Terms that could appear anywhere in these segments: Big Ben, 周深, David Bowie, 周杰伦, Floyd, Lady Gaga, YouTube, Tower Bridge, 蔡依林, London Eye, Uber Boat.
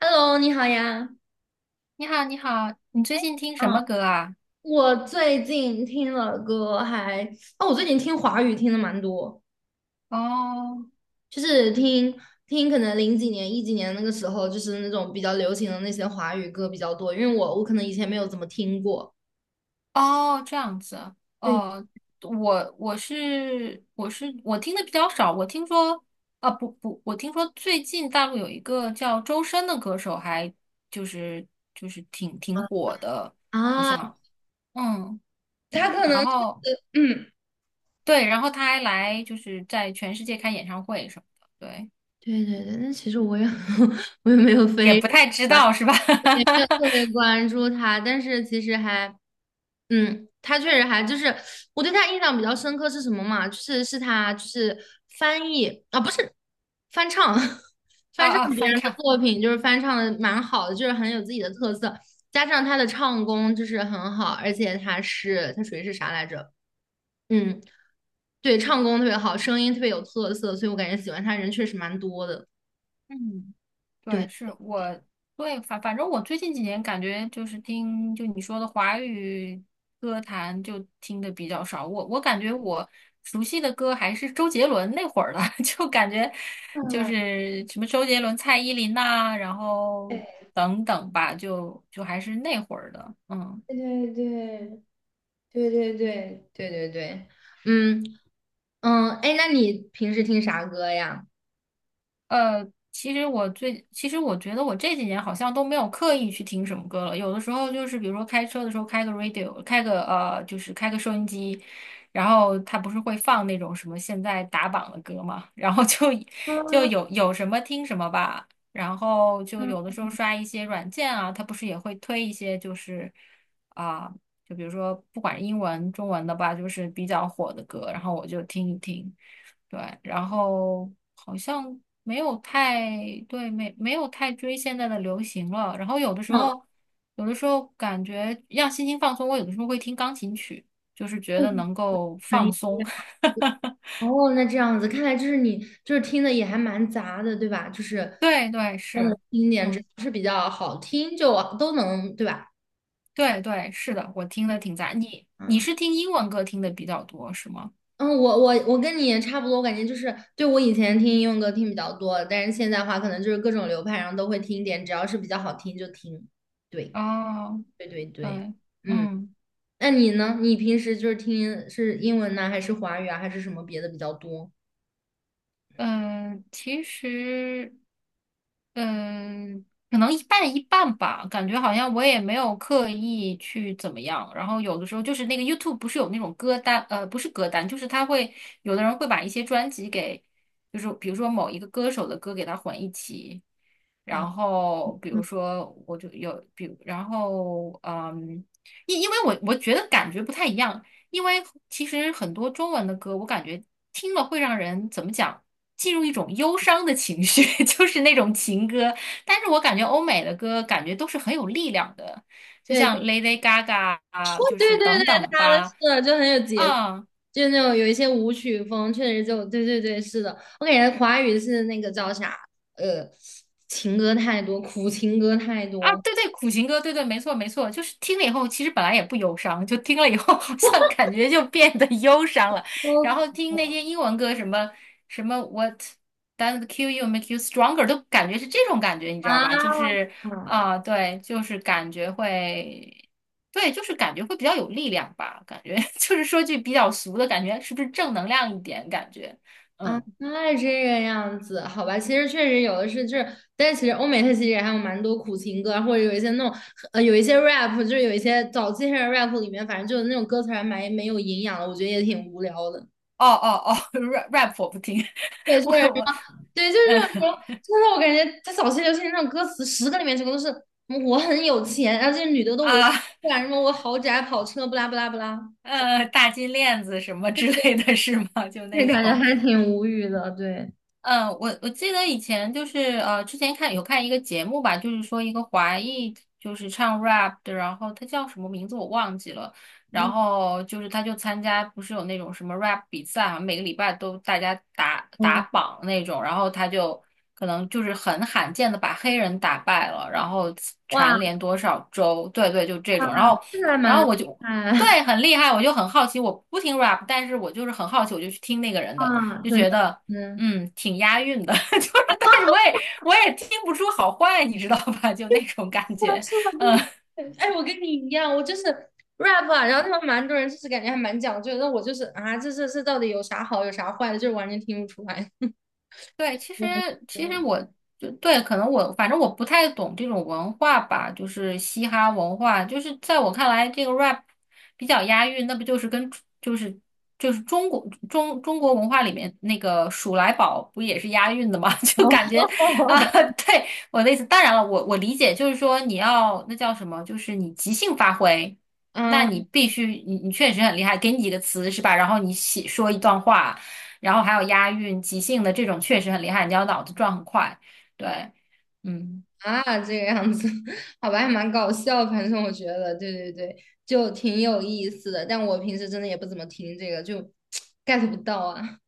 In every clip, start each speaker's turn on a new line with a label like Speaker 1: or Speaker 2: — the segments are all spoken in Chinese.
Speaker 1: Hello，你好呀。
Speaker 2: 你好，你好，你最近听什么
Speaker 1: 嗯，
Speaker 2: 歌啊？
Speaker 1: 我最近听了歌还，哦，我最近听华语听的蛮多，
Speaker 2: 哦，
Speaker 1: 就是听可能零几年、一几年那个时候，就是那种比较流行的那些华语歌比较多，因为我可能以前没有怎么听过。
Speaker 2: 哦，这样子，
Speaker 1: 对
Speaker 2: 哦，我听的比较少，我听说，啊，不不，我听说最近大陆有一个叫周深的歌手还，就是就是挺火的，我
Speaker 1: 啊，
Speaker 2: 想，嗯，
Speaker 1: 他可能
Speaker 2: 然
Speaker 1: 是
Speaker 2: 后
Speaker 1: 嗯，
Speaker 2: 对，然后他还来就是在全世界开演唱会什么的，对，
Speaker 1: 对对对，但其实我也 我也没有
Speaker 2: 也
Speaker 1: 非。
Speaker 2: 不太知 道是吧？
Speaker 1: 也没有特别 关注他，但是其实还，他确实还就是我对他印象比较深刻是什么嘛？就是是他就是翻译啊，不是翻唱，
Speaker 2: 啊
Speaker 1: 翻唱
Speaker 2: 啊，
Speaker 1: 别
Speaker 2: 翻
Speaker 1: 人的
Speaker 2: 唱，
Speaker 1: 作品，就是翻唱的蛮好的，就是很有自己的特色，加上他的唱功就是很好，而且他是他属于是啥来着？嗯，对，唱功特别好，声音特别有特色，所以我感觉喜欢他人确实蛮多的。
Speaker 2: 嗯。
Speaker 1: 对。
Speaker 2: 对，对，反正我最近几年感觉就是听就你说的华语歌坛就听的比较少，我感觉我熟悉的歌还是周杰伦那会儿的，就感觉就是什么周杰伦、蔡依林呐、然后
Speaker 1: 哎
Speaker 2: 等等吧，就还是那会儿的，嗯。
Speaker 1: 对，对对对对对对对对。嗯嗯，哎，那你平时听啥歌呀？
Speaker 2: 呃，其实其实我觉得我这几年好像都没有刻意去听什么歌了。有的时候就是，比如说开车的时候开个 radio，开个就是开个收音机，然后它不是会放那种什么现在打榜的歌嘛，然后就有什么听什么吧。然后就有的
Speaker 1: 嗯
Speaker 2: 时候刷一些软件啊，它不是也会推一些就是啊、就比如说不管是英文、中文的吧，就是比较火的歌，然后我就听一听。对，然后好像没有太，对，没有太追现在的流行了。然后有的时候，有的时候感觉让心情放松，我有的时候会听钢琴曲，就是觉得
Speaker 1: 嗯，
Speaker 2: 能够
Speaker 1: 纯
Speaker 2: 放
Speaker 1: 音
Speaker 2: 松。
Speaker 1: 哦，那这样子，看来就是你就是听的也还蛮杂的，对吧？就是
Speaker 2: 对对是，
Speaker 1: 听点只
Speaker 2: 嗯，
Speaker 1: 要是比较好听就都能，对吧？
Speaker 2: 对对是的，我听的挺杂。你
Speaker 1: 嗯
Speaker 2: 是听英文歌听的比较多是吗？
Speaker 1: 嗯，我跟你也差不多，我感觉就是对我以前听英文歌听比较多，但是现在的话可能就是各种流派，然后都会听一点，只要是比较好听就听。对
Speaker 2: 哦，
Speaker 1: 对对对，
Speaker 2: 对，
Speaker 1: 嗯，
Speaker 2: 嗯。
Speaker 1: 那你呢？你平时就是听是英文呢，还是华语啊，还是什么别的比较多？
Speaker 2: 嗯，其实，嗯，可能一半一半吧，感觉好像我也没有刻意去怎么样。然后有的时候就是那个 YouTube 不是有那种歌单，呃，不是歌单，就是他会有的人会把一些专辑给，就是比如说某一个歌手的歌给它混一起。
Speaker 1: 啊？
Speaker 2: 然后比如说我就有，比如然后嗯，因为我觉得感觉不太一样，因为其实很多中文的歌，我感觉听了会让人怎么讲？进入一种忧伤的情绪，就是那种情歌。但是我感觉欧美的歌感觉都是很有力量的，就
Speaker 1: 对，
Speaker 2: 像 Lady Gaga 啊，就是
Speaker 1: 对对对，
Speaker 2: 等等
Speaker 1: 他的是
Speaker 2: 吧，
Speaker 1: 的，就很有节奏，
Speaker 2: 啊。
Speaker 1: 就那种有一些舞曲风，确实就对对对，是的。我感觉华语是那个叫啥，呃，情歌太多，苦情歌太
Speaker 2: 啊，
Speaker 1: 多。
Speaker 2: 对对，苦情歌，对对，没错没错，就是听了以后，其实本来也不忧伤，就听了以后好像感觉就变得忧伤了。然后
Speaker 1: 都
Speaker 2: 听那些英文歌，什么什么 What doesn't kill you make you stronger，都感觉是这种感觉，你知
Speaker 1: 啊
Speaker 2: 道吧？就是啊、对，就是感觉会，对，就是感觉会比较有力量吧，感觉 就是说句比较俗的感觉，是不是正能量一点感觉？嗯，
Speaker 1: 啊，
Speaker 2: 哦
Speaker 1: 那这个样子，好吧，其实确实有的是，就是，但其实欧美它其实也还有蛮多苦情歌啊，或者有一些那种，有一些 rap,就是有一些早期的 rap 里面，反正就是那种歌词还蛮没有营养的，我觉得也挺无聊的。
Speaker 2: 哦哦 ，rap 我不听，
Speaker 1: 对，
Speaker 2: 我
Speaker 1: 就是
Speaker 2: 我
Speaker 1: 对，就是那
Speaker 2: 嗯
Speaker 1: 种，真的，我感觉他早期流行那种歌词，十个里面九个都是嗯我很有钱，然后这些女的都围
Speaker 2: 啊。
Speaker 1: 不然什么我豪宅、跑车，不拉不拉不拉，
Speaker 2: 大金链子什么之类的是吗？就
Speaker 1: 那
Speaker 2: 那
Speaker 1: 感觉
Speaker 2: 种。
Speaker 1: 还挺无语的。对，
Speaker 2: 嗯，我记得以前就是之前看有看一个节目吧，就是说一个华裔就是唱 rap 的，然后他叫什么名字我忘记了，然后就是他就参加不是有那种什么 rap 比赛啊，好像每个礼拜都大家打打
Speaker 1: 哇
Speaker 2: 榜那种，然后他就可能就是很罕见的把黑人打败了，然后
Speaker 1: 哇
Speaker 2: 蝉联多少周，对对，就这
Speaker 1: 哇，
Speaker 2: 种，然后
Speaker 1: 这个还蛮厉
Speaker 2: 我就
Speaker 1: 害
Speaker 2: 对很厉害，我就很好奇，我不听 rap，但是我就是很好奇，我就去听那个人的。
Speaker 1: 啊！
Speaker 2: 就
Speaker 1: 怎样？
Speaker 2: 觉得
Speaker 1: 嗯，
Speaker 2: 挺押韵的，就是，但是我也听不出好坏，你知道吧？就那种感
Speaker 1: 是啊
Speaker 2: 觉，
Speaker 1: 是啊，
Speaker 2: 嗯。
Speaker 1: 对。哎，我跟你一样，我就是 rap 啊，然后他们蛮多人就是感觉还蛮讲究的，那我就是啊，这到底有啥好，有啥坏的，就是完全听不出来。
Speaker 2: 对，其 实
Speaker 1: 对这
Speaker 2: 其实
Speaker 1: 样。
Speaker 2: 我就对，可能我反正我不太懂这种文化吧，就是嘻哈文化，就是在我看来，这个 rap 比较押韵，那不就是跟就是就是中国中国文化里面那个数来宝不也是押韵的吗？就感觉啊，对我的意思，当然了，我理解就是说你要那叫什么，就是你即兴发挥，
Speaker 1: 哦，
Speaker 2: 那你必须你确实很厉害，给你几个词是吧？然后你写说一段话。然后还有押韵、即兴的这种确实很厉害，你要脑子转很快。对，嗯
Speaker 1: 啊，这个样子，好吧，还蛮搞笑。反正我觉得，对对对，就挺有意思的。但我平时真的也不怎么听这个，就 get 不到啊。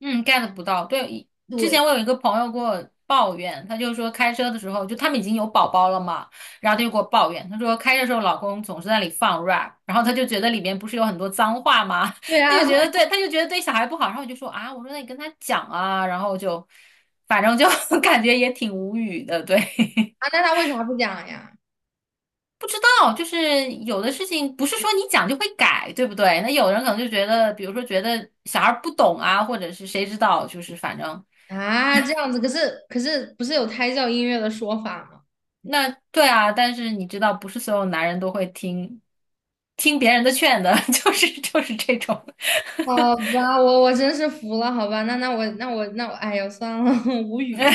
Speaker 2: 嗯，get 不到。对，之
Speaker 1: 对，
Speaker 2: 前我有一个朋友给我抱怨，他就说开车的时候，就他们已经有宝宝了嘛，然后他就给我抱怨，他说开车的时候老公总是在那里放 rap，然后他就觉得里面不是有很多脏话吗？
Speaker 1: 对
Speaker 2: 他
Speaker 1: 啊，
Speaker 2: 就
Speaker 1: 对
Speaker 2: 觉得对，他就觉得对小孩不好，然后我就说啊，我说那你跟他讲啊，然后就反正就 感觉也挺无语的，对。
Speaker 1: 啊，那他为啥不讲呀？
Speaker 2: 不知道，就是有的事情不是说你讲就会改，对不对？那有人可能就觉得，比如说觉得小孩儿不懂啊，或者是谁知道，就是反正
Speaker 1: 啊，这样子，可是不是有胎教音乐的说法吗？
Speaker 2: 那对啊。但是你知道，不是所有男人都会听听别人的劝的，就是这种。
Speaker 1: 好吧，我真是服了，好吧，那我，哎呀，算了，无语，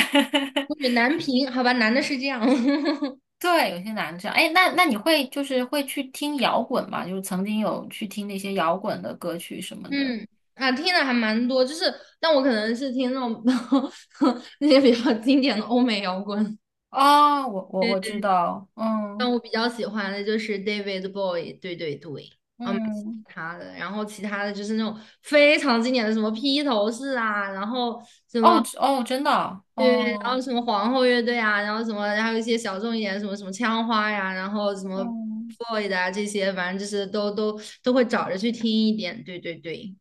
Speaker 1: 无语 难平，好吧，男的是这样。
Speaker 2: 对，有些男的这样。哎，那你会就是会去听摇滚吗？就是曾经有去听那些摇滚的歌曲什么的。
Speaker 1: 嗯，啊，听的还蛮多，就是，但我可能是听那种 那些比较经典的欧美摇滚。
Speaker 2: 哦，我
Speaker 1: 对。
Speaker 2: 知道，
Speaker 1: 但
Speaker 2: 嗯
Speaker 1: 我比较喜欢的就是 David Bowie,对对对，啊，蛮喜
Speaker 2: 嗯，
Speaker 1: 欢他的。然后其他的就是那种非常经典的，什么披头士啊，然后什么
Speaker 2: 哦哦，真的啊，
Speaker 1: 对，然后
Speaker 2: 哦。
Speaker 1: 什么皇后乐队啊，然后什么，还有一些小众一点，什么什么枪花呀，然后什么
Speaker 2: 嗯，
Speaker 1: Floyd 啊这些，反正就是都会找着去听一点。对对对，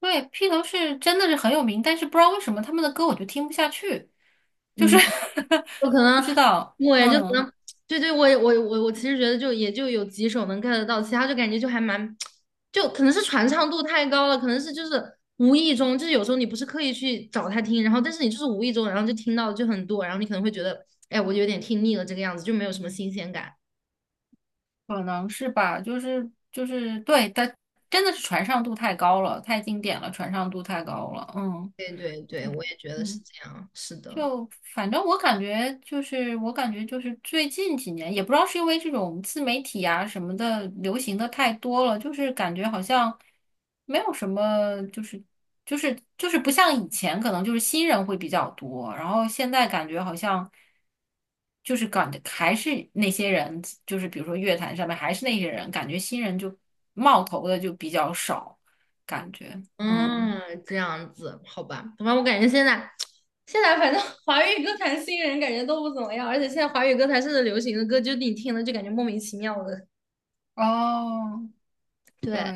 Speaker 2: 对，披头士真的是很有名，但是不知道为什么他们的歌我就听不下去，就是
Speaker 1: 嗯。就可
Speaker 2: 不
Speaker 1: 能
Speaker 2: 知道，
Speaker 1: 我也就可
Speaker 2: 嗯，
Speaker 1: 能对对，我其实觉得就也就有几首能 get 得到，其他就感觉就还蛮，就可能是传唱度太高了，可能是就是无意中，就是有时候你不是刻意去找他听，然后但是你就是无意中，然后就听到就很多，然后你可能会觉得，哎，我有点听腻了这个样子，就没有什么新鲜感。
Speaker 2: 可能是吧，就是对，它真的是传唱度太高了，太经典了，传唱度太高了，嗯
Speaker 1: 对对对，我也觉得是
Speaker 2: 嗯。
Speaker 1: 这样，是的。
Speaker 2: 就反正我感觉就是，我感觉就是最近几年，也不知道是因为这种自媒体啊什么的流行的太多了，就是感觉好像没有什么，就是就是不像以前，可能就是新人会比较多，然后现在感觉好像就是感觉还是那些人，就是比如说乐坛上面还是那些人，感觉新人就冒头的就比较少，感觉嗯
Speaker 1: 嗯，这样子，好吧，反正我感觉现在，现在反正 华语歌坛新人感觉都不怎么样，而且现在华语歌坛现在流行的歌，就你听了就感觉莫名其妙的。
Speaker 2: 哦对。
Speaker 1: 对，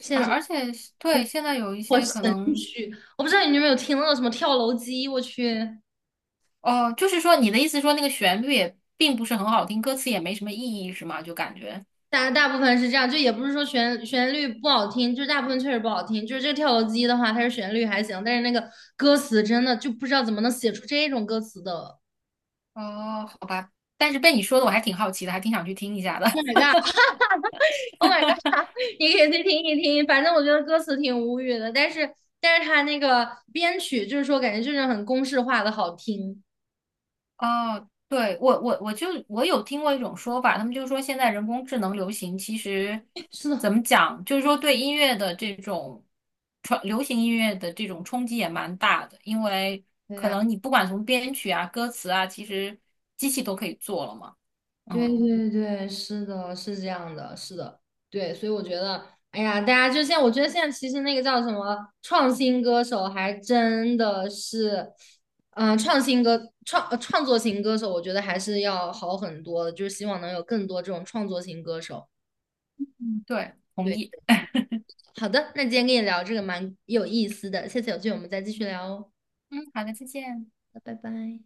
Speaker 1: 现在
Speaker 2: 而
Speaker 1: 什么
Speaker 2: 而且是对，现在有一
Speaker 1: 我
Speaker 2: 些
Speaker 1: 神
Speaker 2: 可能，
Speaker 1: 曲，我不知道你有没有听那种什么跳楼机，我去，
Speaker 2: 哦，就是说你的意思说那个旋律也并不是很好听，歌词也没什么意义，是吗？就感觉，
Speaker 1: 大部分是这样，就也不是说旋律不好听，就是大部分确实不好听，就是这个跳楼机的话，它是旋律还行，但是那个歌词真的就不知道怎么能写出这种歌词的。
Speaker 2: 哦，好吧，但是被你说的我还挺好奇的，还挺想去听一下的。
Speaker 1: Oh my god!你可以去听一听，反正我觉得歌词挺无语的，但是他那个编曲就是说，感觉就是很公式化的好听。
Speaker 2: 哦，对，我就我有听过一种说法，他们就说现在人工智能流行，其实
Speaker 1: 是的，
Speaker 2: 怎么讲，就是说对音乐的这种传流行音乐的这种冲击也蛮大的，因为
Speaker 1: 对
Speaker 2: 可
Speaker 1: 呀，
Speaker 2: 能你不管从编曲啊、歌词啊，其实机器都可以做了嘛。
Speaker 1: 对
Speaker 2: 嗯。
Speaker 1: 对对，是的，是这样的，是的，对，所以我觉得，哎呀，大家就现在，我觉得现在其实那个叫什么创新歌手，还真的是，创作型歌手，我觉得还是要好很多的，就是希望能有更多这种创作型歌手。
Speaker 2: 对，同
Speaker 1: 对。
Speaker 2: 意。
Speaker 1: 好的，那今天跟你聊这个蛮有意思的，下次有机会我们再继续聊哦，
Speaker 2: 嗯，好的，再见。
Speaker 1: 拜拜。